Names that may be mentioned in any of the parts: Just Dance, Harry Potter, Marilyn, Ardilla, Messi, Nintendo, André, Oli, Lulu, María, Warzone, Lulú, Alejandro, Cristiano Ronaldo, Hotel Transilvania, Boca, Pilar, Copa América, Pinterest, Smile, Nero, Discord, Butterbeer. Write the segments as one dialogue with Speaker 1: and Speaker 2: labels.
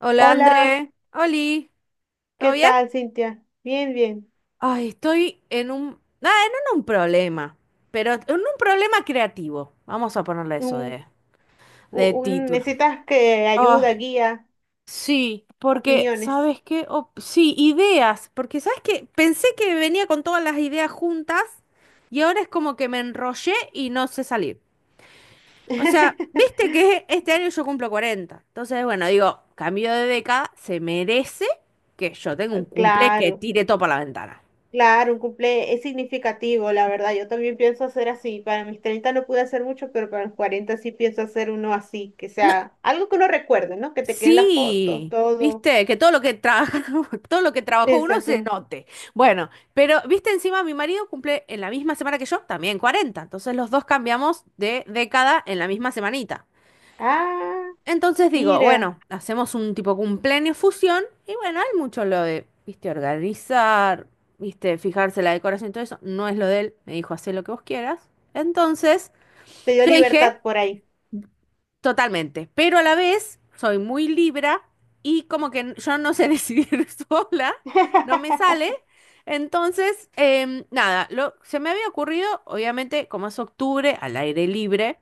Speaker 1: Hola
Speaker 2: Hola,
Speaker 1: André, Oli, ¿todo
Speaker 2: ¿qué
Speaker 1: bien?
Speaker 2: tal, Cintia? Bien, bien.
Speaker 1: Ay, estoy en un, ah, no en un problema, pero en un problema creativo. Vamos a ponerle eso
Speaker 2: Un,
Speaker 1: de, de título.
Speaker 2: Necesitas que
Speaker 1: Oh,
Speaker 2: ayuda, guía,
Speaker 1: sí, porque,
Speaker 2: opiniones.
Speaker 1: ¿sabes qué? Oh, sí, ideas, porque, ¿sabes qué? Pensé que venía con todas las ideas juntas y ahora es como que me enrollé y no sé salir. O sea, viste que este año yo cumplo 40, entonces, bueno, digo, cambio de década, se merece que yo tenga un cumple que
Speaker 2: Claro,
Speaker 1: tire todo para la ventana.
Speaker 2: claro, un cumple es significativo, la verdad. Yo también pienso hacer así. Para mis 30 no pude hacer mucho, pero para los 40 sí pienso hacer uno así, que
Speaker 1: No,
Speaker 2: sea algo que uno recuerde, ¿no? Que te queden las fotos,
Speaker 1: sí,
Speaker 2: todo.
Speaker 1: viste, que todo lo que trabaja, todo lo que trabajó uno se
Speaker 2: Exacto.
Speaker 1: note. Bueno, pero viste, encima mi marido cumple en la misma semana que yo, también 40. Entonces los dos cambiamos de década en la misma semanita.
Speaker 2: Ah,
Speaker 1: Entonces digo,
Speaker 2: mira,
Speaker 1: bueno, hacemos un tipo cumpleaños fusión y bueno, hay mucho lo de, viste, organizar, viste, fijarse la decoración y todo eso. No es lo de él, me dijo, hacé lo que vos quieras. Entonces,
Speaker 2: te dio
Speaker 1: yo dije,
Speaker 2: libertad por ahí.
Speaker 1: totalmente, pero a la vez soy muy Libra y como que yo no sé decidir sola, no me sale. Entonces, nada, se me había ocurrido, obviamente, como es octubre, al aire libre,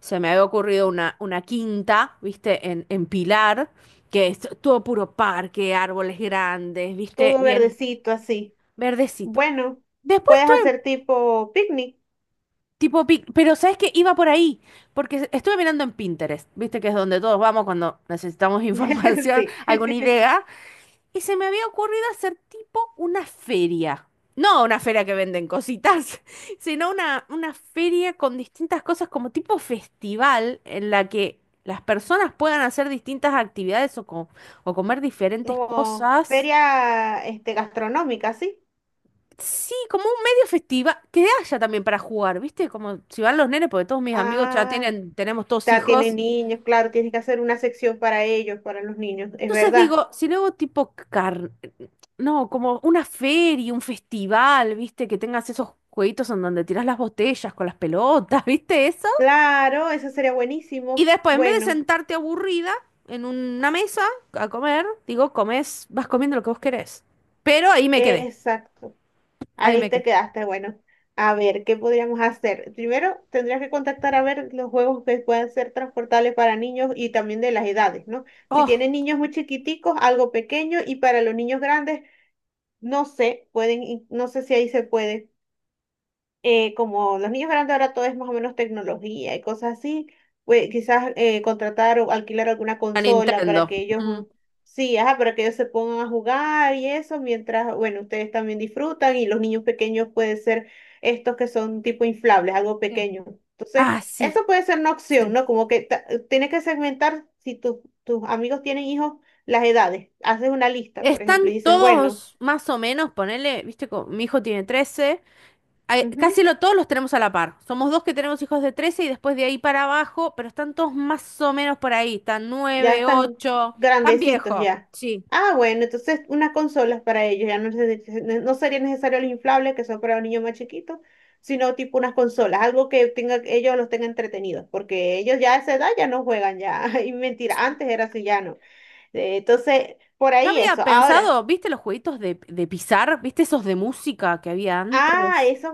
Speaker 1: se me había ocurrido una, quinta, viste, en Pilar, que es todo puro parque, árboles grandes, viste,
Speaker 2: Todo
Speaker 1: bien
Speaker 2: verdecito así.
Speaker 1: verdecito.
Speaker 2: Bueno,
Speaker 1: Después
Speaker 2: puedes
Speaker 1: tuve
Speaker 2: hacer tipo picnic.
Speaker 1: Tipo, pic- Pero ¿sabes qué? Iba por ahí, porque estuve mirando en Pinterest, viste que es donde todos vamos cuando necesitamos información,
Speaker 2: Sí.
Speaker 1: alguna idea, y se me había ocurrido hacer tipo una feria. No una feria que venden cositas, sino una feria con distintas cosas como tipo festival en la que las personas puedan hacer distintas actividades o comer diferentes
Speaker 2: Como
Speaker 1: cosas.
Speaker 2: feria este, gastronómica, ¿sí?
Speaker 1: Sí, como un medio festiva que haya también para jugar, ¿viste? Como si van los nenes, porque todos mis amigos ya
Speaker 2: Ah,
Speaker 1: tienen, tenemos todos
Speaker 2: ya tiene
Speaker 1: hijos.
Speaker 2: niños, claro, tienes que hacer una sección para ellos, para los niños, es
Speaker 1: Entonces
Speaker 2: verdad.
Speaker 1: digo, si luego tipo no, como una feria, un festival, ¿viste? Que tengas esos jueguitos en donde tirás las botellas con las pelotas, ¿viste eso?
Speaker 2: Claro, eso sería
Speaker 1: Y
Speaker 2: buenísimo.
Speaker 1: después, en vez de
Speaker 2: Bueno,
Speaker 1: sentarte aburrida en una mesa a comer, digo, comes, vas comiendo lo que vos querés. Pero ahí me quedé,
Speaker 2: exacto.
Speaker 1: ahí
Speaker 2: Ahí
Speaker 1: me
Speaker 2: te
Speaker 1: quedé.
Speaker 2: quedaste, bueno. A ver, ¿qué podríamos hacer? Primero, tendrías que contactar a ver los juegos que puedan ser transportables para niños y también de las edades, ¿no? Si
Speaker 1: Oh,
Speaker 2: tienen niños muy chiquiticos, algo pequeño, y para los niños grandes, no sé, pueden, no sé si ahí se puede como los niños grandes ahora todo es más o menos tecnología y cosas así, pues quizás contratar o alquilar alguna
Speaker 1: la
Speaker 2: consola para
Speaker 1: Nintendo.
Speaker 2: que ellos,
Speaker 1: Mm.
Speaker 2: sí, ajá, para que ellos se pongan a jugar y eso, mientras, bueno, ustedes también disfrutan y los niños pequeños pueden ser estos que son tipo inflables, algo
Speaker 1: Sí.
Speaker 2: pequeño. Entonces,
Speaker 1: Ah, sí,
Speaker 2: eso puede ser una opción,
Speaker 1: sí.
Speaker 2: ¿no? Como que tienes que segmentar si tus amigos tienen hijos, las edades. Haces una lista, por
Speaker 1: Están
Speaker 2: ejemplo, y dices, bueno.
Speaker 1: todos más o menos, ponele, viste, mi hijo tiene 13, ay, casi lo, todos los tenemos a la par. Somos dos que tenemos hijos de 13 y después de ahí para abajo, pero están todos más o menos por ahí, están
Speaker 2: Ya
Speaker 1: 9,
Speaker 2: están
Speaker 1: 8, tan
Speaker 2: grandecitos
Speaker 1: viejo.
Speaker 2: ya.
Speaker 1: Sí.
Speaker 2: Ah, bueno, entonces unas consolas para ellos. Ya no, no sería necesario los inflables que son para los niños más chiquitos, sino tipo unas consolas, algo que tenga, ellos los tenga entretenidos, porque ellos ya a esa edad ya no juegan ya. Y mentira,
Speaker 1: Sí.
Speaker 2: antes era así, ya no. Entonces, por
Speaker 1: Yo
Speaker 2: ahí
Speaker 1: había
Speaker 2: eso. Ahora,
Speaker 1: pensado, viste los jueguitos de pisar, viste esos de música que había
Speaker 2: ah,
Speaker 1: antes,
Speaker 2: eso es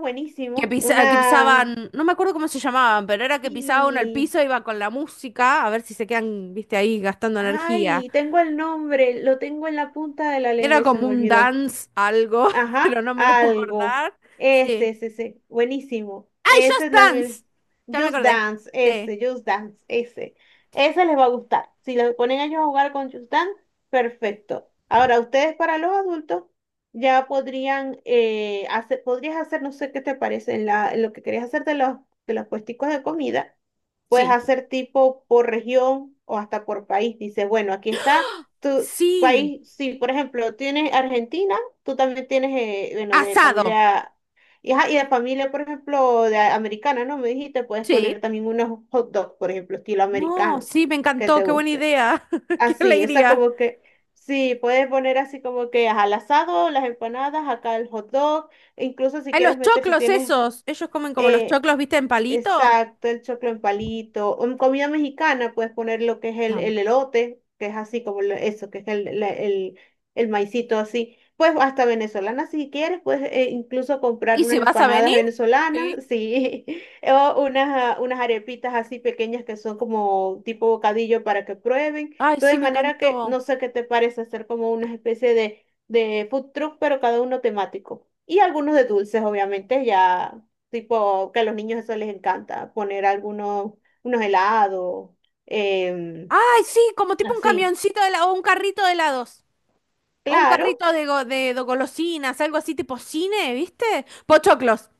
Speaker 1: que,
Speaker 2: buenísimo.
Speaker 1: pisa- que
Speaker 2: Una.
Speaker 1: pisaban, no me acuerdo cómo se llamaban, pero era que pisaba uno el
Speaker 2: Sí.
Speaker 1: piso, iba con la música, a ver si se quedan, viste, ahí gastando energía.
Speaker 2: Ay, tengo el nombre, lo tengo en la punta de la lengua
Speaker 1: Era
Speaker 2: y se
Speaker 1: como
Speaker 2: me
Speaker 1: un
Speaker 2: olvidó.
Speaker 1: dance algo, pero
Speaker 2: Ajá,
Speaker 1: no me lo puedo
Speaker 2: algo.
Speaker 1: acordar.
Speaker 2: Ese,
Speaker 1: Sí.
Speaker 2: ese, ese. Buenísimo.
Speaker 1: ¡Ay,
Speaker 2: Esa
Speaker 1: Just
Speaker 2: es la...
Speaker 1: Dance!
Speaker 2: vez-
Speaker 1: Ya me
Speaker 2: Just
Speaker 1: acordé.
Speaker 2: Dance,
Speaker 1: Sí,
Speaker 2: ese, Just Dance, ese. Ese les va a gustar. Si lo ponen a ellos a jugar con Just Dance, perfecto. Ahora, ustedes para los adultos ya podrías hacer, no sé qué te parece, en lo que querías hacer de los, puesticos de comida, puedes
Speaker 1: sí.
Speaker 2: hacer tipo por región o hasta por país. Dice, bueno, aquí está tu
Speaker 1: Sí.
Speaker 2: país, si por ejemplo tienes Argentina tú también tienes, bueno, de
Speaker 1: Asado.
Speaker 2: familia, y, ajá, y de familia, por ejemplo, americana, ¿no? Me dijiste, puedes poner
Speaker 1: Sí.
Speaker 2: también unos hot dogs, por ejemplo, estilo
Speaker 1: No,
Speaker 2: americano,
Speaker 1: sí, me
Speaker 2: que
Speaker 1: encantó.
Speaker 2: te
Speaker 1: Qué buena
Speaker 2: guste.
Speaker 1: idea. Qué
Speaker 2: Así, esa
Speaker 1: alegría.
Speaker 2: como que, sí, puedes poner así como que ajá, al asado, las empanadas, acá el hot dog, e incluso si
Speaker 1: Hay
Speaker 2: quieres
Speaker 1: los
Speaker 2: meter, si
Speaker 1: choclos
Speaker 2: tienes
Speaker 1: esos. Ellos comen como los
Speaker 2: eh,
Speaker 1: choclos, ¿viste? En palito.
Speaker 2: exacto, el choclo en palito. O, en comida mexicana puedes poner lo que es
Speaker 1: Tam.
Speaker 2: el elote, que es así como eso, que es el maicito así. Pues hasta venezolana si quieres, puedes incluso comprar
Speaker 1: ¿Y si
Speaker 2: unas
Speaker 1: vas a
Speaker 2: empanadas
Speaker 1: venir? Sí.
Speaker 2: venezolanas, sí, o unas arepitas así pequeñas que son como tipo bocadillo para que prueben.
Speaker 1: Ay, sí,
Speaker 2: Entonces, de
Speaker 1: me
Speaker 2: manera que no
Speaker 1: encantó.
Speaker 2: sé qué te parece hacer como una especie de food truck, pero cada uno temático. Y algunos de dulces, obviamente, ya. Tipo, que a los niños eso les encanta, poner algunos unos helados, em,
Speaker 1: Ay, sí, como tipo un
Speaker 2: así.
Speaker 1: camioncito de la- o un carrito de helados. O un
Speaker 2: Claro,
Speaker 1: carrito de, go- de golosinas, algo así tipo cine, ¿viste? Pochoclos.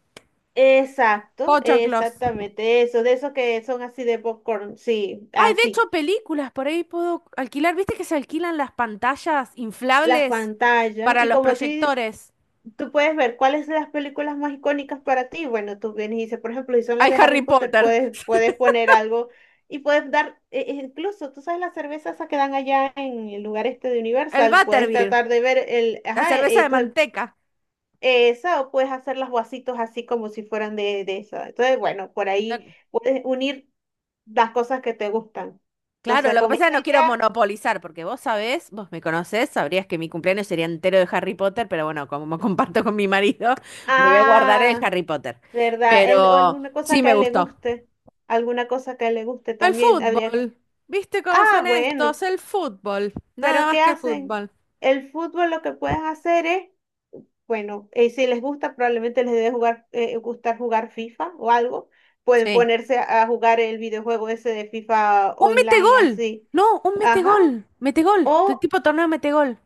Speaker 2: exacto,
Speaker 1: Pochoclos.
Speaker 2: exactamente eso, de esos que son así de popcorn, sí,
Speaker 1: Ay, de
Speaker 2: así.
Speaker 1: hecho, películas, por ahí puedo alquilar. ¿Viste que se alquilan las pantallas
Speaker 2: Las
Speaker 1: inflables
Speaker 2: pantallas,
Speaker 1: para
Speaker 2: y
Speaker 1: los
Speaker 2: como a ti,
Speaker 1: proyectores?
Speaker 2: tú puedes ver cuáles son las películas más icónicas para ti. Bueno, tú vienes y dices, por ejemplo, si son las
Speaker 1: Hay
Speaker 2: de Harry
Speaker 1: Harry
Speaker 2: Potter,
Speaker 1: Potter,
Speaker 2: puedes, puedes poner algo y puedes dar, e incluso, tú sabes, las cervezas esas que dan allá en el lugar este de
Speaker 1: el
Speaker 2: Universal, puedes
Speaker 1: Butterbeer,
Speaker 2: tratar de ver el,
Speaker 1: la
Speaker 2: ajá,
Speaker 1: cerveza de
Speaker 2: entonces
Speaker 1: manteca.
Speaker 2: esa, o puedes hacer los vasitos así como si fueran de esa. Entonces, bueno, por
Speaker 1: La-
Speaker 2: ahí puedes unir las cosas que te gustan.
Speaker 1: claro,
Speaker 2: Entonces,
Speaker 1: lo que
Speaker 2: con
Speaker 1: pasa es
Speaker 2: esta
Speaker 1: que no quiero
Speaker 2: idea,
Speaker 1: monopolizar, porque vos sabés, vos me conocés, sabrías que mi cumpleaños sería entero de Harry Potter, pero bueno, como me comparto con mi marido, me voy a guardar el
Speaker 2: ah,
Speaker 1: Harry Potter.
Speaker 2: ¿verdad? Él, o
Speaker 1: Pero
Speaker 2: alguna cosa
Speaker 1: sí
Speaker 2: que a
Speaker 1: me
Speaker 2: él le
Speaker 1: gustó.
Speaker 2: guste, alguna cosa que a él le guste
Speaker 1: El
Speaker 2: también, habría que-
Speaker 1: fútbol. ¿Viste cómo
Speaker 2: Ah,
Speaker 1: son estos?
Speaker 2: bueno,
Speaker 1: El fútbol. Nada
Speaker 2: pero
Speaker 1: más
Speaker 2: ¿qué
Speaker 1: que
Speaker 2: hacen?
Speaker 1: fútbol.
Speaker 2: El fútbol lo que puedes hacer es bueno, si les gusta, probablemente gustar jugar FIFA o algo. Pueden
Speaker 1: Sí.
Speaker 2: ponerse a jugar el videojuego ese de FIFA
Speaker 1: Un
Speaker 2: online
Speaker 1: metegol.
Speaker 2: así.
Speaker 1: No, un
Speaker 2: Ajá.
Speaker 1: metegol. Metegol.
Speaker 2: O,
Speaker 1: Tipo torneo metegol.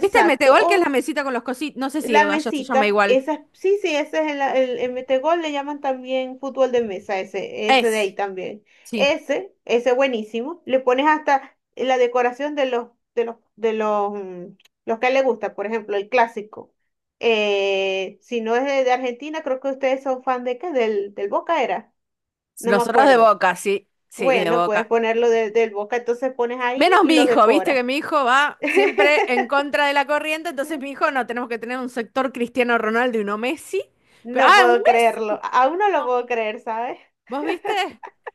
Speaker 1: ¿Viste el metegol que es la
Speaker 2: O
Speaker 1: mesita con los cositos? No sé si
Speaker 2: la
Speaker 1: allá se llama
Speaker 2: mesita,
Speaker 1: igual.
Speaker 2: esa, sí, sí, ese es el metegol, le llaman también fútbol de mesa, ese de ahí
Speaker 1: Es.
Speaker 2: también.
Speaker 1: Sí.
Speaker 2: Ese buenísimo. Le pones hasta la decoración de los, de los, de los, mm, los que le gusta, por ejemplo, el clásico. Si no es de Argentina, creo que ustedes son fan de qué, del Boca era, no me
Speaker 1: Nosotros de
Speaker 2: acuerdo.
Speaker 1: Boca, sí. Sí, de
Speaker 2: Bueno, puedes
Speaker 1: Boca.
Speaker 2: ponerlo del Boca, entonces pones ahí
Speaker 1: Menos
Speaker 2: y
Speaker 1: mi
Speaker 2: los
Speaker 1: hijo, viste que
Speaker 2: decoras.
Speaker 1: mi hijo va siempre en contra de la corriente, entonces mi hijo no, tenemos que tener un sector Cristiano Ronaldo y uno Messi. Pero-
Speaker 2: No
Speaker 1: ah, un
Speaker 2: puedo creerlo,
Speaker 1: Messi.
Speaker 2: aún no lo
Speaker 1: No,
Speaker 2: puedo creer, ¿sabes?
Speaker 1: ¿vos viste?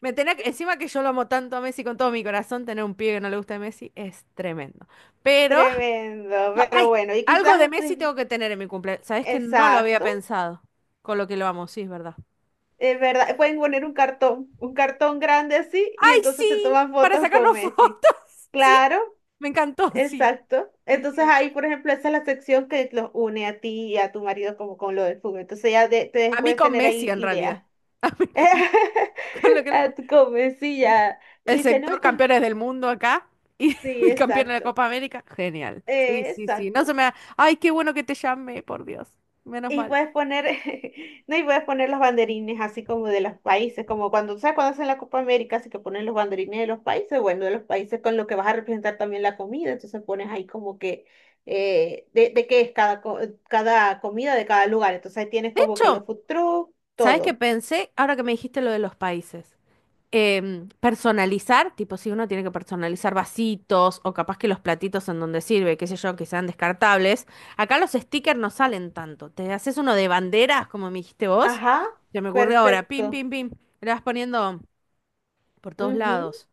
Speaker 1: Me tenía que- encima que yo lo amo tanto a Messi con todo mi corazón, tener un pibe que no le gusta a Messi es tremendo. Pero
Speaker 2: Tremendo,
Speaker 1: no,
Speaker 2: pero
Speaker 1: ay,
Speaker 2: bueno, y
Speaker 1: algo de
Speaker 2: quizás,
Speaker 1: Messi
Speaker 2: pues,
Speaker 1: tengo que tener en mi cumpleaños. Sabes que no lo había
Speaker 2: exacto,
Speaker 1: pensado con lo que lo amo, sí, es verdad.
Speaker 2: es verdad, pueden poner un cartón grande así, y
Speaker 1: ¡Ay,
Speaker 2: entonces se
Speaker 1: sí!
Speaker 2: toman
Speaker 1: Para
Speaker 2: fotos con
Speaker 1: sacarnos
Speaker 2: Messi.
Speaker 1: fotos. Sí,
Speaker 2: Claro,
Speaker 1: me encantó, sí.
Speaker 2: exacto.
Speaker 1: Sí,
Speaker 2: Entonces
Speaker 1: sí.
Speaker 2: ahí, por ejemplo, esa es la sección que los une a ti y a tu marido como con lo del fútbol. Entonces ya te
Speaker 1: A mí
Speaker 2: puedes
Speaker 1: con
Speaker 2: tener
Speaker 1: Messi
Speaker 2: ahí
Speaker 1: en realidad.
Speaker 2: ideas.
Speaker 1: A mí con, con lo que lo
Speaker 2: A
Speaker 1: amo.
Speaker 2: tu Messi ya.
Speaker 1: El
Speaker 2: Dice, no,
Speaker 1: sector
Speaker 2: este,
Speaker 1: campeones del mundo acá y
Speaker 2: sí,
Speaker 1: mi campeón de la
Speaker 2: exacto,
Speaker 1: Copa América. Genial. Sí, sí, sí. No se
Speaker 2: exacto.
Speaker 1: me da- ay, qué bueno que te llamé, por Dios. Menos
Speaker 2: Y
Speaker 1: mal.
Speaker 2: puedes poner, no, y puedes poner los banderines así como de los países, como cuando, ¿sabes? Cuando hacen la Copa América, así que ponen los banderines de los países, bueno, de los países con lo que vas a representar también la comida, entonces pones ahí como que, de qué es cada, cada comida de cada lugar, entonces ahí tienes
Speaker 1: De
Speaker 2: como que los
Speaker 1: hecho,
Speaker 2: food truck,
Speaker 1: ¿sabes qué
Speaker 2: todo.
Speaker 1: pensé ahora que me dijiste lo de los países? Personalizar, tipo si uno tiene que personalizar vasitos o capaz que los platitos en donde sirve, qué sé yo, que sean descartables. Acá los stickers no salen tanto. Te haces uno de banderas, como me dijiste vos.
Speaker 2: Ajá,
Speaker 1: Se me ocurrió ahora, pim,
Speaker 2: perfecto.
Speaker 1: pim, pim. Le vas poniendo por todos lados.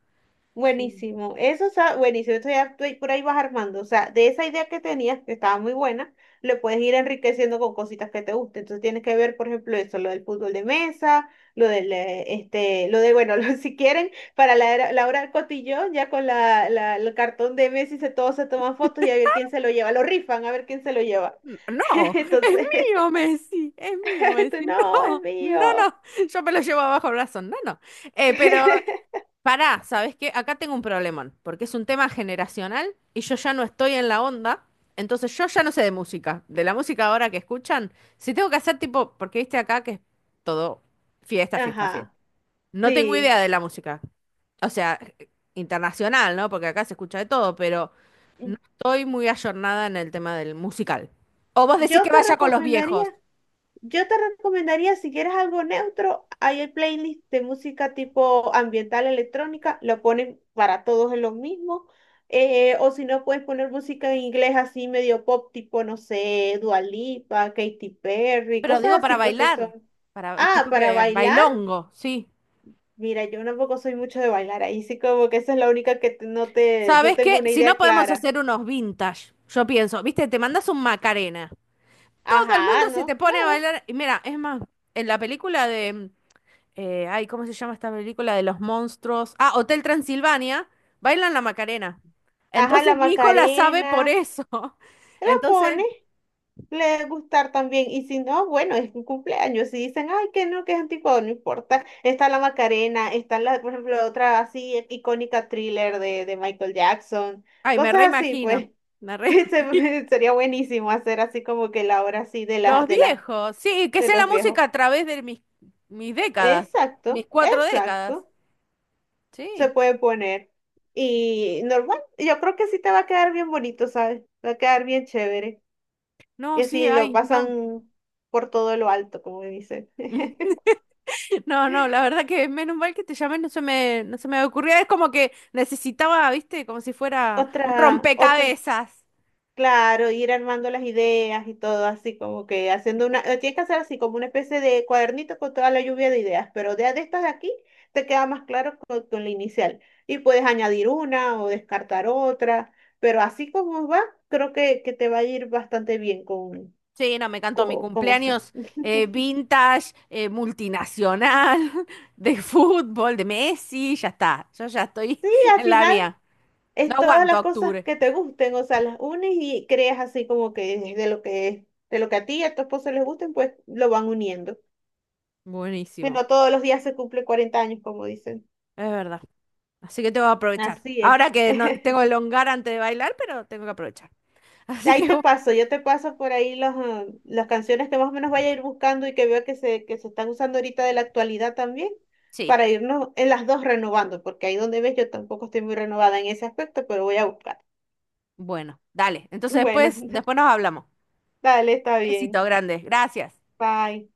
Speaker 1: Sí.
Speaker 2: Buenísimo, eso está buenísimo, eso ya tú por ahí vas armando, o sea, de esa idea que tenías, que estaba muy buena, le puedes ir enriqueciendo con cositas que te gusten, entonces tienes que ver, por ejemplo, eso, lo del fútbol de mesa, lo del, este, lo de, bueno, si quieren, la hora del cotillón, ya con el cartón de Messi, se, todos se toman fotos y a ver quién se lo lleva, lo rifan, a ver quién se lo lleva,
Speaker 1: No, es
Speaker 2: entonces,
Speaker 1: mío, Messi, es mío,
Speaker 2: tú,
Speaker 1: Messi.
Speaker 2: no, es
Speaker 1: No, no,
Speaker 2: mío,
Speaker 1: no, yo me lo llevo abajo el brazo. No, no. Pero pará, ¿sabes qué? Acá tengo un problemón, porque es un tema generacional y yo ya no estoy en la onda, entonces yo ya no sé de música, de la música ahora que escuchan. Si tengo que hacer tipo, porque viste acá que es todo fiesta, fiesta, fiesta.
Speaker 2: ajá,
Speaker 1: No tengo
Speaker 2: sí,
Speaker 1: idea de la música, o sea, internacional, ¿no? Porque acá se escucha de todo, pero no estoy muy ayornada en el tema del musical. O vos decís
Speaker 2: yo
Speaker 1: que
Speaker 2: te
Speaker 1: vaya con los
Speaker 2: recomendaría.
Speaker 1: viejos,
Speaker 2: Yo te recomendaría, si quieres algo neutro, hay el playlist de música tipo ambiental electrónica, lo ponen para todos en lo mismo. O si no, puedes poner música en inglés así medio pop, tipo, no sé, Dua Lipa, Katy Perry,
Speaker 1: pero digo
Speaker 2: cosas así,
Speaker 1: para
Speaker 2: pues que son.
Speaker 1: bailar, para
Speaker 2: Ah,
Speaker 1: tipo
Speaker 2: para
Speaker 1: que
Speaker 2: bailar,
Speaker 1: bailongo, sí.
Speaker 2: mira, yo tampoco soy mucho de bailar, ahí sí como que esa es la única que no te, no
Speaker 1: ¿Sabes
Speaker 2: tengo
Speaker 1: qué?
Speaker 2: una
Speaker 1: Si no
Speaker 2: idea
Speaker 1: podemos
Speaker 2: clara.
Speaker 1: hacer unos vintage, yo pienso, viste, te mandas un Macarena. Todo el
Speaker 2: Ajá,
Speaker 1: mundo se te
Speaker 2: no,
Speaker 1: pone a
Speaker 2: claro.
Speaker 1: bailar. Y mira, es más, en la película de, ay, ¿cómo se llama esta película de los monstruos? Ah, Hotel Transilvania, bailan la Macarena.
Speaker 2: Ajá,
Speaker 1: Entonces
Speaker 2: la
Speaker 1: mi hijo la sabe por
Speaker 2: Macarena,
Speaker 1: eso.
Speaker 2: te la
Speaker 1: Entonces,
Speaker 2: pones. Le debe gustar también. Y si no, bueno, es un cumpleaños. Si dicen, ay, que no, que es anticuado, no importa. Está la Macarena, está la, por ejemplo, otra así icónica thriller de Michael Jackson,
Speaker 1: ay, me
Speaker 2: cosas así,
Speaker 1: reimagino.
Speaker 2: pues.
Speaker 1: Me reimagino.
Speaker 2: Sería buenísimo hacer así como que la hora así de
Speaker 1: Los
Speaker 2: las de las
Speaker 1: viejos, sí, que
Speaker 2: de
Speaker 1: sea
Speaker 2: los
Speaker 1: la
Speaker 2: viejos.
Speaker 1: música a través de mis décadas, mis
Speaker 2: Exacto,
Speaker 1: 4 décadas.
Speaker 2: exacto. Se
Speaker 1: Sí.
Speaker 2: puede poner. Y normal, yo creo que sí te va a quedar bien bonito, ¿sabes? Va a quedar bien chévere. Y
Speaker 1: No, sí,
Speaker 2: así lo
Speaker 1: ay, no.
Speaker 2: pasan por todo lo alto, como dicen.
Speaker 1: No, no, la verdad que menos mal que te llamé, no se me ocurría. Es como que necesitaba, viste, como si fuera un
Speaker 2: Otra, otra,
Speaker 1: rompecabezas.
Speaker 2: claro, ir armando las ideas y todo así, como que haciendo una, tienes que hacer así como una especie de cuadernito con toda la lluvia de ideas, pero de estas de aquí te queda más claro con la inicial. Y puedes añadir una o descartar otra, pero así como va, creo que te va a ir bastante bien con,
Speaker 1: Sí, no, me encantó mi
Speaker 2: con eso.
Speaker 1: cumpleaños
Speaker 2: Y
Speaker 1: vintage, multinacional, de fútbol, de Messi, ya está. Yo ya estoy
Speaker 2: al
Speaker 1: en la
Speaker 2: final
Speaker 1: mía. No
Speaker 2: es todas
Speaker 1: aguanto
Speaker 2: las cosas
Speaker 1: octubre.
Speaker 2: que te gusten, o sea, las unes y creas así como que de lo que, de lo que a ti y a tu esposo les gusten, pues lo van uniendo. Que
Speaker 1: Buenísimo,
Speaker 2: no todos los días se cumple 40 años, como dicen.
Speaker 1: es verdad. Así que tengo que aprovechar.
Speaker 2: Así es.
Speaker 1: Ahora que no tengo el hongar antes de bailar, pero tengo que aprovechar. Así que,
Speaker 2: Ahí te paso, yo te paso por ahí las canciones que más o menos vaya a ir buscando y que veo que se están usando ahorita de la actualidad también,
Speaker 1: sí,
Speaker 2: para irnos en las dos renovando, porque ahí donde ves yo tampoco estoy muy renovada en ese aspecto, pero voy a buscar.
Speaker 1: bueno, dale. Entonces
Speaker 2: Bueno,
Speaker 1: después, nos hablamos.
Speaker 2: dale, está
Speaker 1: Besito
Speaker 2: bien.
Speaker 1: grande. Gracias.
Speaker 2: Bye.